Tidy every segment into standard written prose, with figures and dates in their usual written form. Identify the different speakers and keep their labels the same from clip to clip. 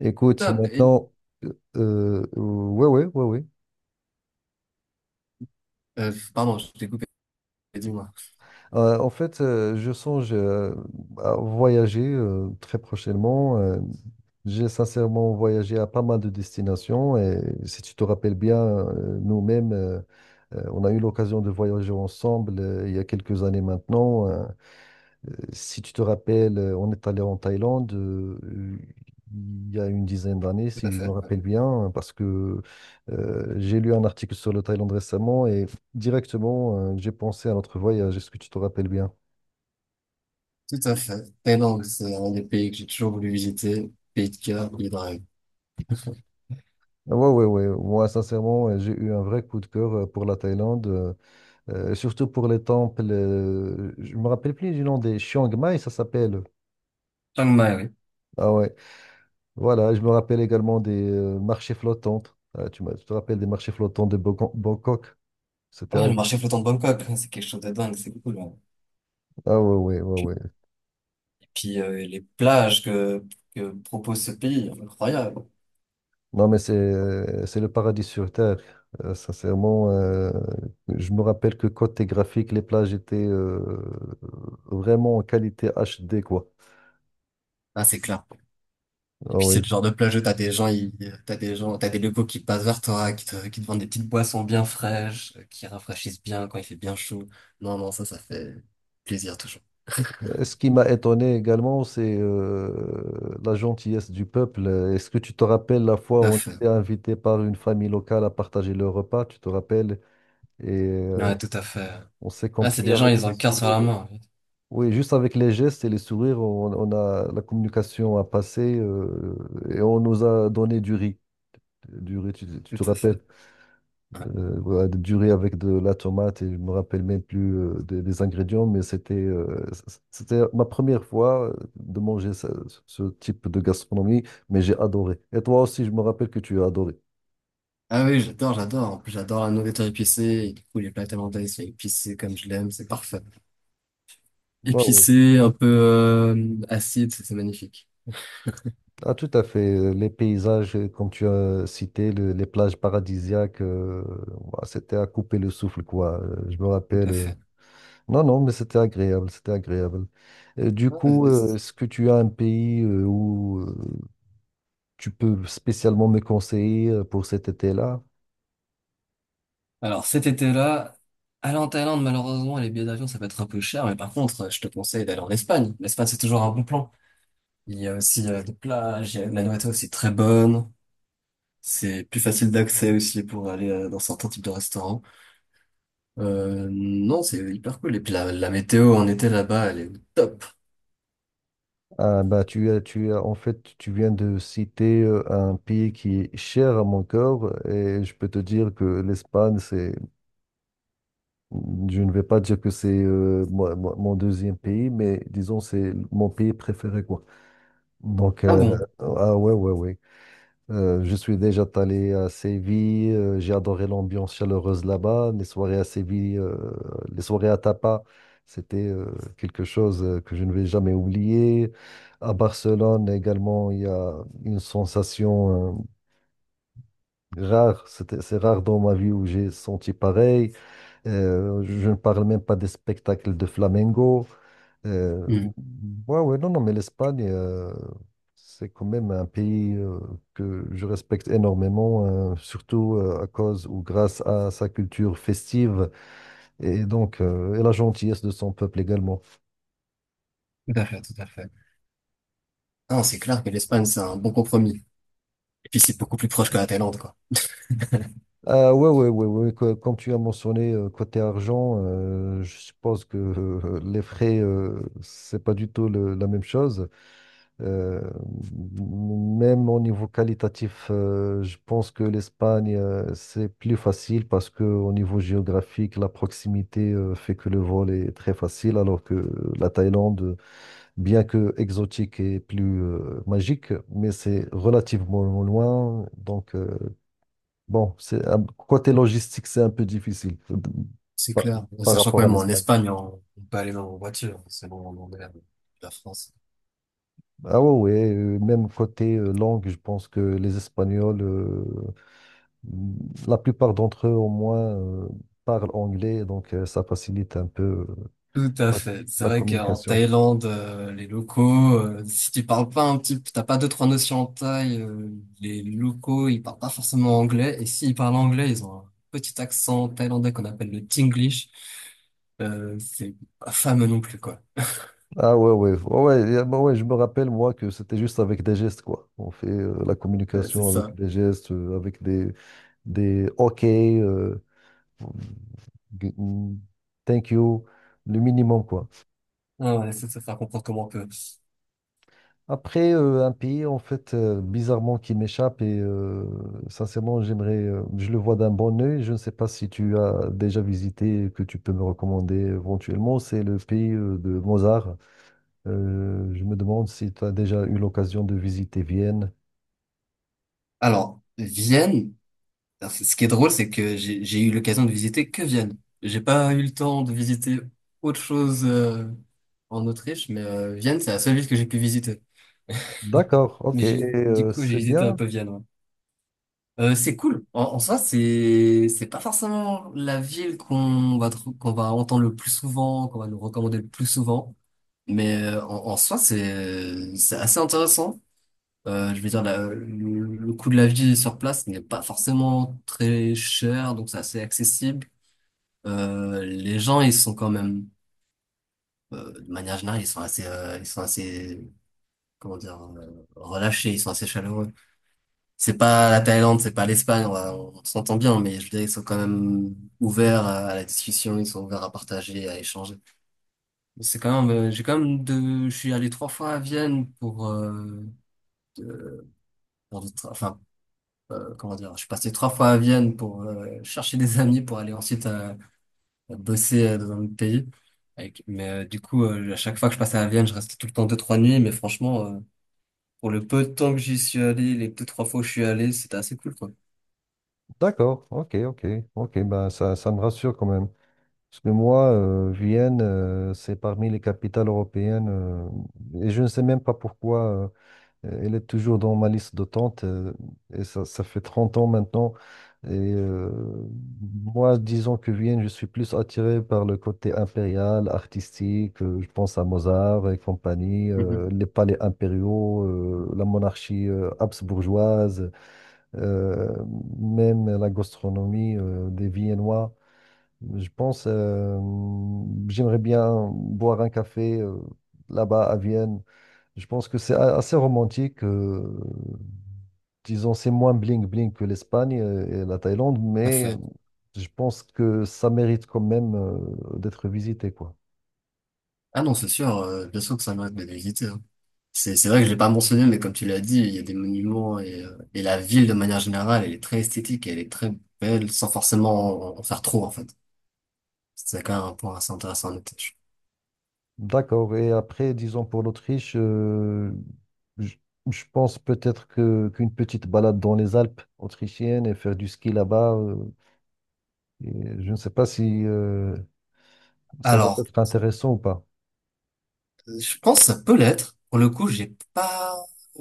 Speaker 1: Écoute,
Speaker 2: Top.
Speaker 1: maintenant, ouais, ouais, ouais, ouais.
Speaker 2: Pardon, je t'ai coupé, dis-moi.
Speaker 1: En fait, je songe à voyager très prochainement. J'ai sincèrement voyagé à pas mal de destinations et si tu te rappelles bien, nous-mêmes, on a eu l'occasion de voyager ensemble il y a quelques années maintenant. Si tu te rappelles, on est allé en Thaïlande il y a une dizaine d'années,
Speaker 2: Tout à
Speaker 1: si je me
Speaker 2: fait.
Speaker 1: rappelle bien, parce que j'ai lu un article sur le Thaïlande récemment et directement, j'ai pensé à notre voyage. Est-ce que tu te rappelles bien?
Speaker 2: Tout à fait. Thaïlande, c'est un des pays que j'ai toujours voulu visiter. Pays de cœur, pays de rêve.
Speaker 1: Ah ouais, ouais, ouais. Moi, sincèrement, j'ai eu un vrai coup de cœur pour la Thaïlande, surtout pour les temples. Je me rappelle plus du nom des Chiang Mai, ça s'appelle.
Speaker 2: Chiang Mai, oui.
Speaker 1: Ah ouais. Voilà, je me rappelle également des marchés flottants. Tu te rappelles des marchés flottants de Bangkok? C'était
Speaker 2: Ouais, le
Speaker 1: ag-
Speaker 2: marché flottant de Bangkok, hein, c'est quelque chose de dingue, c'est cool, hein.
Speaker 1: Ah ouais, ouais, ouais, ouais.
Speaker 2: Et puis les plages que propose ce pays, incroyable.
Speaker 1: Non, mais c'est le paradis sur Terre. Sincèrement, je me rappelle que côté graphique, les plages étaient vraiment en qualité HD, quoi.
Speaker 2: Ah, c'est clair. Et
Speaker 1: Ah
Speaker 2: puis
Speaker 1: ouais.
Speaker 2: c'est le genre de plage où t'as des gens, t'as des locaux qui passent vers toi, qui te vendent des petites boissons bien fraîches, qui rafraîchissent bien quand il fait bien chaud. Non, non, ça fait plaisir toujours.
Speaker 1: Et ce qui m'a étonné également, c'est la gentillesse du peuple. Est-ce que tu te rappelles la fois
Speaker 2: Tout à
Speaker 1: où on
Speaker 2: fait.
Speaker 1: était invité par une famille locale à partager le repas, tu te rappelles? Et
Speaker 2: Ouais, tout à fait.
Speaker 1: on s'est
Speaker 2: Ah, c'est
Speaker 1: compris
Speaker 2: des gens,
Speaker 1: avec
Speaker 2: ils ont
Speaker 1: des
Speaker 2: le cœur sur
Speaker 1: sourires.
Speaker 2: la main, en fait.
Speaker 1: Oui, juste avec les gestes et les sourires, on a la communication à passer et on nous a donné du riz. Du riz, tu te
Speaker 2: Tout à fait.
Speaker 1: rappelles?
Speaker 2: Ouais.
Speaker 1: Voilà, du riz avec de la tomate et je me rappelle même plus des ingrédients, mais c'était ma première fois de manger ce type de gastronomie, mais j'ai adoré. Et toi aussi, je me rappelle que tu as adoré.
Speaker 2: Ah oui, j'adore, j'adore. En plus, j'adore la nourriture épicée. Et du coup, les plats thaïlandais, ils sont épicés comme je l'aime. C'est parfait.
Speaker 1: Waouh.
Speaker 2: Épicé, un peu acide, c'est magnifique.
Speaker 1: Ah, tout à fait. Les paysages, comme tu as cité, les plages paradisiaques, bah, c'était à couper le souffle, quoi. Je me
Speaker 2: Tout
Speaker 1: rappelle.
Speaker 2: à fait.
Speaker 1: Non, non, mais c'était agréable, c'était agréable. Du
Speaker 2: Ouais,
Speaker 1: coup,
Speaker 2: c'est- c'est-
Speaker 1: est-ce que tu as un pays où tu peux spécialement me conseiller pour cet été-là?
Speaker 2: Alors, cet été-là, aller en Thaïlande, malheureusement, les billets d'avion, ça peut être un peu cher, mais par contre, je te conseille d'aller en Espagne. L'Espagne, c'est toujours un bon plan. Il y a aussi des plages, la nourriture aussi très bonne. C'est plus facile d'accès aussi pour aller dans certains types de restaurants. Non, c'est hyper cool. Et puis la météo en été là-bas, elle est au top.
Speaker 1: Ah, bah, en fait, tu viens de citer un pays qui est cher à mon cœur et je peux te dire que l'Espagne, c'est, je ne vais pas dire que c'est mon deuxième pays, mais disons, c'est mon pays préféré, quoi. Donc,
Speaker 2: Ah bon?
Speaker 1: ah ouais, ouais, ouais. Je suis déjà allé à Séville, j'ai adoré l'ambiance chaleureuse là-bas. Les soirées à Séville, les soirées à Tapa, c'était quelque chose que je ne vais jamais oublier. À Barcelone également, il y a une sensation rare. C'est rare dans ma vie où j'ai senti pareil. Je ne parle même pas des spectacles de flamenco. Euh,
Speaker 2: Hmm.
Speaker 1: ouais, ouais, non, non, mais l'Espagne, c'est quand même un pays que je respecte énormément, surtout à cause ou grâce à sa culture festive et donc et la gentillesse de son peuple également.
Speaker 2: Tout à fait, tout à fait. Non, c'est clair que l'Espagne, c'est un bon compromis. Et puis c'est beaucoup plus proche que la Thaïlande, quoi.
Speaker 1: Ah ouais, ouais, ouais, ouais, comme tu as mentionné côté argent, je suppose que les frais, c'est pas du tout la même chose. Euh, Même au niveau qualitatif, je pense que l'Espagne, c'est plus facile parce que au niveau géographique, la proximité, fait que le vol est très facile, alors que la Thaïlande, bien que exotique et plus, magique, mais c'est relativement loin. Donc, bon, c'est côté logistique, c'est un peu difficile,
Speaker 2: C'est
Speaker 1: par
Speaker 2: clair.
Speaker 1: par
Speaker 2: Sachant quand
Speaker 1: rapport à
Speaker 2: même, en
Speaker 1: l'Espagne.
Speaker 2: Espagne, on peut aller en voiture. C'est bon, on est la France.
Speaker 1: Ah ouais, ouais, même côté langue, je pense que les Espagnols la plupart d'entre eux, au moins, parlent anglais, donc ça facilite un peu
Speaker 2: Tout à
Speaker 1: la,
Speaker 2: fait. C'est
Speaker 1: la
Speaker 2: vrai qu'en
Speaker 1: communication.
Speaker 2: Thaïlande, les locaux, si tu parles pas un petit, t'as pas deux trois notions en thaï, les locaux ils parlent pas forcément anglais, et s'ils parlent anglais, ils ont un petit accent thaïlandais qu'on appelle le Tinglish. C'est pas fameux non plus, quoi.
Speaker 1: Ah ouais, ouais, ouais, ouais, y bah ouais, je me rappelle, moi, que c'était juste avec des gestes, quoi. On fait la
Speaker 2: C'est
Speaker 1: communication avec
Speaker 2: ça.
Speaker 1: des gestes, avec des OK. Thank you, le minimum, quoi.
Speaker 2: Ah ouais, c'est ça, ça comprendre comment on peut.
Speaker 1: Après, un pays, en fait, bizarrement, qui m'échappe, et sincèrement, j'aimerais, je le vois d'un bon œil. Je ne sais pas si tu as déjà visité, que tu peux me recommander éventuellement, c'est le pays de Mozart. Je me demande si tu as déjà eu l'occasion de visiter Vienne.
Speaker 2: Alors Vienne. Alors, ce qui est drôle, c'est que j'ai eu l'occasion de visiter que Vienne. J'ai pas eu le temps de visiter autre chose en Autriche, mais Vienne, c'est la seule ville que j'ai pu visiter.
Speaker 1: D'accord, ok. Et
Speaker 2: Du coup, j'ai
Speaker 1: c'est
Speaker 2: visité un
Speaker 1: bien.
Speaker 2: peu Vienne, ouais. C'est cool. En soi, c'est pas forcément la ville qu'on va entendre le plus souvent, qu'on va nous recommander le plus souvent, mais en soi, c'est assez intéressant. Je veux dire, le coût de la vie sur place n'est pas forcément très cher, donc c'est assez accessible. Les gens, ils sont quand même, de manière générale, ils sont assez, comment dire, relâchés, ils sont assez chaleureux. C'est pas la Thaïlande, c'est pas l'Espagne, on s'entend bien, mais je dirais qu'ils sont quand même ouverts à la discussion, ils sont ouverts à partager, à échanger. C'est quand même, j'ai quand même je suis allé trois fois à Vienne pour, de- enfin, comment dire, je suis passé trois fois à Vienne pour chercher des amis pour aller ensuite à bosser dans un autre pays. Du coup, à chaque fois que je passais à Vienne, je restais tout le temps deux, trois nuits. Mais franchement, pour le peu de temps que j'y suis allé, les deux, trois fois où je suis allé, c'était assez cool, quoi.
Speaker 1: D'accord, ok, ok, ok, bah ça, ça me rassure quand même. Parce que moi, Vienne, c'est parmi les capitales européennes, et je ne sais même pas pourquoi elle est toujours dans ma liste d'attente, et ça fait 30 ans maintenant. Et moi, disons que Vienne, je suis plus attiré par le côté impérial, artistique, je pense à Mozart et compagnie,
Speaker 2: Mhm.
Speaker 1: les palais impériaux, la monarchie habsbourgeoise. Euh, Même la gastronomie des Viennois. Je pense, j'aimerais bien boire un café là-bas à Vienne. Je pense que c'est assez romantique. Disons, c'est moins bling-bling que l'Espagne et la Thaïlande,
Speaker 2: Tout à
Speaker 1: mais
Speaker 2: fait.
Speaker 1: je pense que ça mérite quand même d'être visité, quoi.
Speaker 2: Ah non, c'est sûr, bien sûr que ça mérite d'être visité, hein. C'est vrai que je l'ai pas mentionné, mais comme tu l'as dit, il y a des monuments et et la ville de manière générale, elle est très esthétique et elle est très belle sans forcément en faire trop, en fait. C'est quand même un point assez intéressant à noter.
Speaker 1: D'accord. Et après, disons pour l'Autriche, je, je pense peut-être que qu'une petite balade dans les Alpes autrichiennes et faire du ski là-bas, et je ne sais pas si ça va
Speaker 2: Alors,
Speaker 1: être intéressant ou pas.
Speaker 2: je pense que ça peut l'être. Pour le coup, j'ai pas,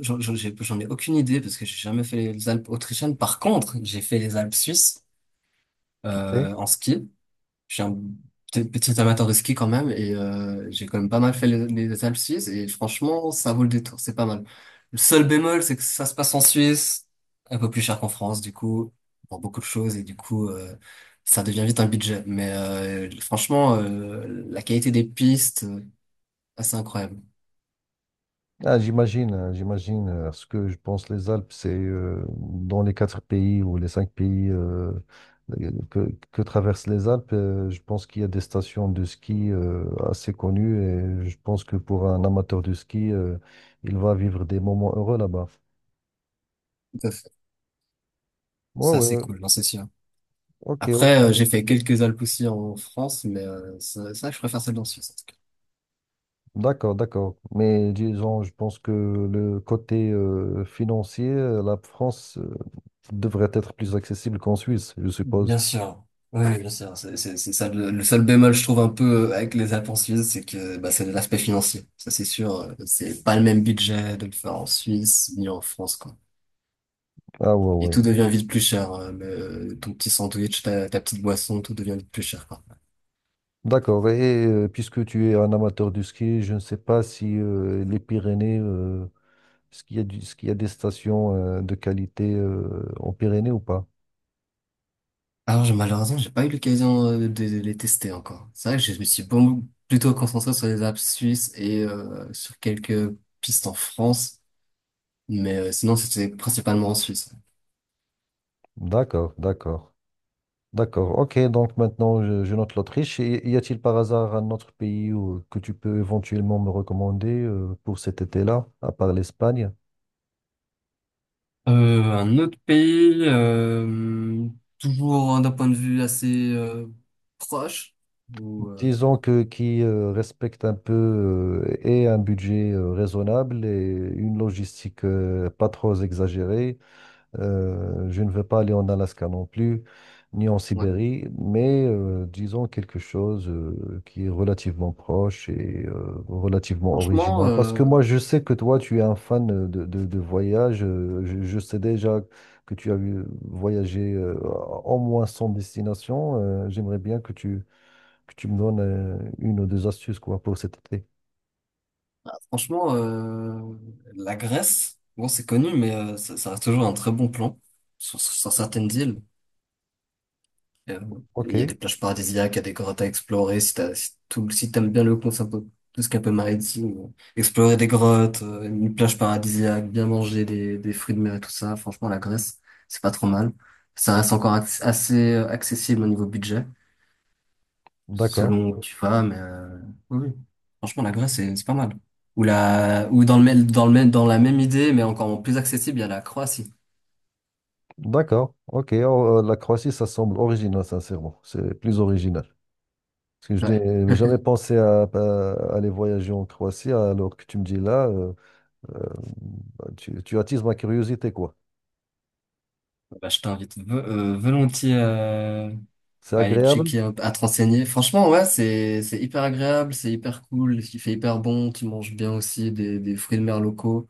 Speaker 2: j'en j'en- j'ai- j'en ai aucune idée parce que j'ai jamais fait les Alpes autrichiennes. Par contre, j'ai fait les Alpes suisses
Speaker 1: Ok.
Speaker 2: en ski. Je suis un petit amateur de ski quand même, et j'ai quand même pas mal fait les Alpes suisses, et franchement, ça vaut le détour. C'est pas mal. Le seul bémol, c'est que ça se passe en Suisse, un peu plus cher qu'en France, du coup, pour beaucoup de choses, et du coup, ça devient vite un budget. Mais franchement, la qualité des pistes, assez incroyable.
Speaker 1: Ah, j'imagine, hein, j'imagine. Ce que je pense, les Alpes, c'est dans les quatre pays ou les cinq pays que traversent les Alpes, je pense qu'il y a des stations de ski assez connues et je pense que pour un amateur de ski, il va vivre des moments heureux là-bas. Ouais,
Speaker 2: Ça, c'est
Speaker 1: ouais,
Speaker 2: cool, non, c'est sûr.
Speaker 1: ok, ok.
Speaker 2: Après, j'ai fait quelques Alpes aussi en France, mais ça, je préfère celle en Suisse, en tout cas.
Speaker 1: D'accord, d'accord. Mais disons, je pense que le côté financier, la France devrait être plus accessible qu'en Suisse, je
Speaker 2: Bien
Speaker 1: suppose.
Speaker 2: sûr. Oui, oui, bien sûr. C'est ça, le seul bémol, je trouve, un peu avec les Alpes en Suisse, c'est que bah, c'est l'aspect financier. Ça, c'est sûr, c'est pas le même budget de le faire en Suisse ni en France, quoi.
Speaker 1: Ah, ouais,
Speaker 2: Et
Speaker 1: ouais.
Speaker 2: tout devient vite plus cher, ton petit sandwich, ta petite boisson, tout devient vite plus cher, quoi.
Speaker 1: D'accord. Et puisque tu es un amateur de ski, je ne sais pas si les Pyrénées, est-ce qu'il y a des stations de qualité en Pyrénées ou pas?
Speaker 2: Alors, malheureusement, j'ai pas eu l'occasion de les tester encore. C'est vrai que je me suis plutôt concentré sur les apps suisses et sur quelques pistes en France, mais sinon, c'était principalement en Suisse.
Speaker 1: D'accord, d'accord, d'accord. Ok, donc maintenant je note l'Autriche. Et y a-t-il par hasard un autre pays que tu peux éventuellement me recommander pour cet été-là, à part l'Espagne?
Speaker 2: Un autre pays, toujours d'un point de vue assez proche. Ou,
Speaker 1: Disons que qui respecte un peu et un budget raisonnable et une logistique pas trop exagérée. Je ne veux pas aller en Alaska non plus, ni en
Speaker 2: ouais.
Speaker 1: Sibérie, mais disons quelque chose qui est relativement proche et relativement
Speaker 2: Franchement,
Speaker 1: original. Parce que moi, je sais que toi, tu es un fan de voyage. Je sais déjà que voyagé au moins 100 destinations. J'aimerais bien que tu me donnes une ou deux astuces quoi, pour cet été.
Speaker 2: franchement, La Grèce, bon, c'est connu, mais ça reste toujours un très bon plan sur certaines îles. Euh, Il y a
Speaker 1: OK,
Speaker 2: des plages paradisiaques, il y a des grottes à explorer. Si t'aimes bien le concept, tout ce qui est un peu maritime, explorer des grottes, une plage paradisiaque, bien manger des fruits de mer et tout ça. Franchement, la Grèce, c'est pas trop mal. Ça reste encore assez accessible au niveau budget,
Speaker 1: d'accord.
Speaker 2: selon où tu vas, mais oui, oui. Franchement, la Grèce, c'est pas mal. Ou la, ou dans le même, dans le même, Dans la même idée, mais encore plus accessible, il y a la Croatie.
Speaker 1: D'accord, ok. Oh, la Croatie, ça semble original, sincèrement. C'est plus original. Parce que je
Speaker 2: Ouais.
Speaker 1: n'ai jamais pensé à aller voyager en Croatie, alors que tu me dis là, euh, bah, tu attises ma curiosité, quoi.
Speaker 2: Bah, je t'invite volontiers,
Speaker 1: C'est
Speaker 2: à aller
Speaker 1: agréable?
Speaker 2: checker, un à te renseigner. Franchement, ouais, c'est hyper agréable, c'est hyper cool, il fait hyper bon, tu manges bien aussi des fruits de mer locaux.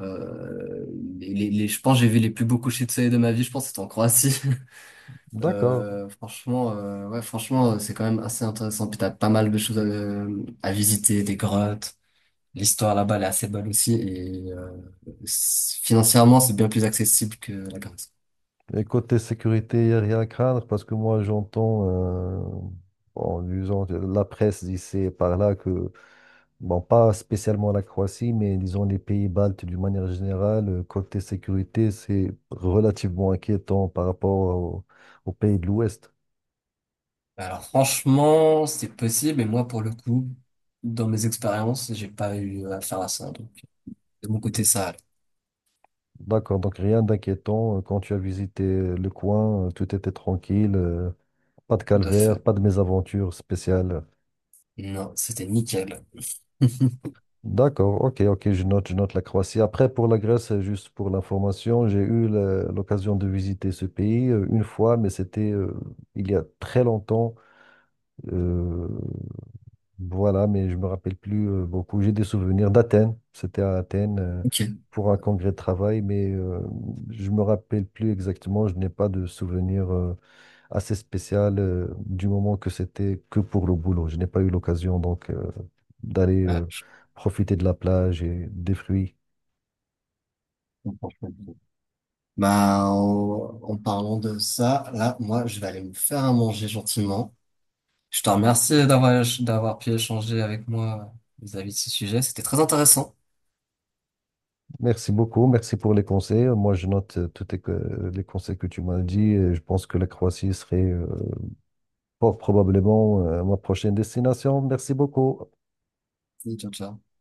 Speaker 2: Euh, je pense que j'ai vu les plus beaux couchers de soleil de ma vie, je pense que c'était en Croatie.
Speaker 1: D'accord.
Speaker 2: C'est quand même assez intéressant. Puis t'as pas mal de choses à visiter, des grottes. L'histoire là-bas, elle est assez bonne aussi. Et financièrement, c'est bien plus accessible que la Grèce.
Speaker 1: Et côté sécurité, il n'y a rien à craindre, parce que moi, j'entends, en lisant la presse d'ici et par là, que, bon, pas spécialement la Croatie, mais disons les pays baltes d'une manière générale, côté sécurité, c'est relativement inquiétant par rapport au- aux pays de l'Ouest.
Speaker 2: Alors franchement, c'est possible, mais moi pour le coup, dans mes expériences, j'ai pas eu affaire à ça. Donc de mon côté, ça allait.
Speaker 1: D'accord, donc rien d'inquiétant. Quand tu as visité le coin, tout était tranquille, pas de
Speaker 2: Tout à
Speaker 1: calvaire,
Speaker 2: fait.
Speaker 1: pas de mésaventure spéciale.
Speaker 2: Non, c'était nickel.
Speaker 1: D'accord, ok, ok, je note la Croatie. Après, pour la Grèce, juste pour l'information, j'ai eu l'occasion de visiter ce pays une fois, mais c'était il y a très longtemps. Euh, voilà, mais je me rappelle plus beaucoup. J'ai des souvenirs d'Athènes. C'était à Athènes
Speaker 2: Ok.
Speaker 1: pour un congrès de travail, mais je me rappelle plus exactement. Je n'ai pas de souvenirs assez spécial du moment que c'était que pour le boulot. Je n'ai pas eu l'occasion donc d'aller
Speaker 2: Ouais, je
Speaker 1: profiter de la plage et des fruits.
Speaker 2: comprends, je comprends. Bah, en parlant de ça, là, moi, je vais aller me faire à manger gentiment. Je te remercie d'avoir pu échanger avec moi vis-à-vis de ce sujet. C'était très intéressant.
Speaker 1: Merci beaucoup, merci pour les conseils. Moi, je note les conseils que tu m'as dit et je pense que la Croatie serait fort probablement ma prochaine destination. Merci beaucoup.
Speaker 2: Salut, ciao, ciao.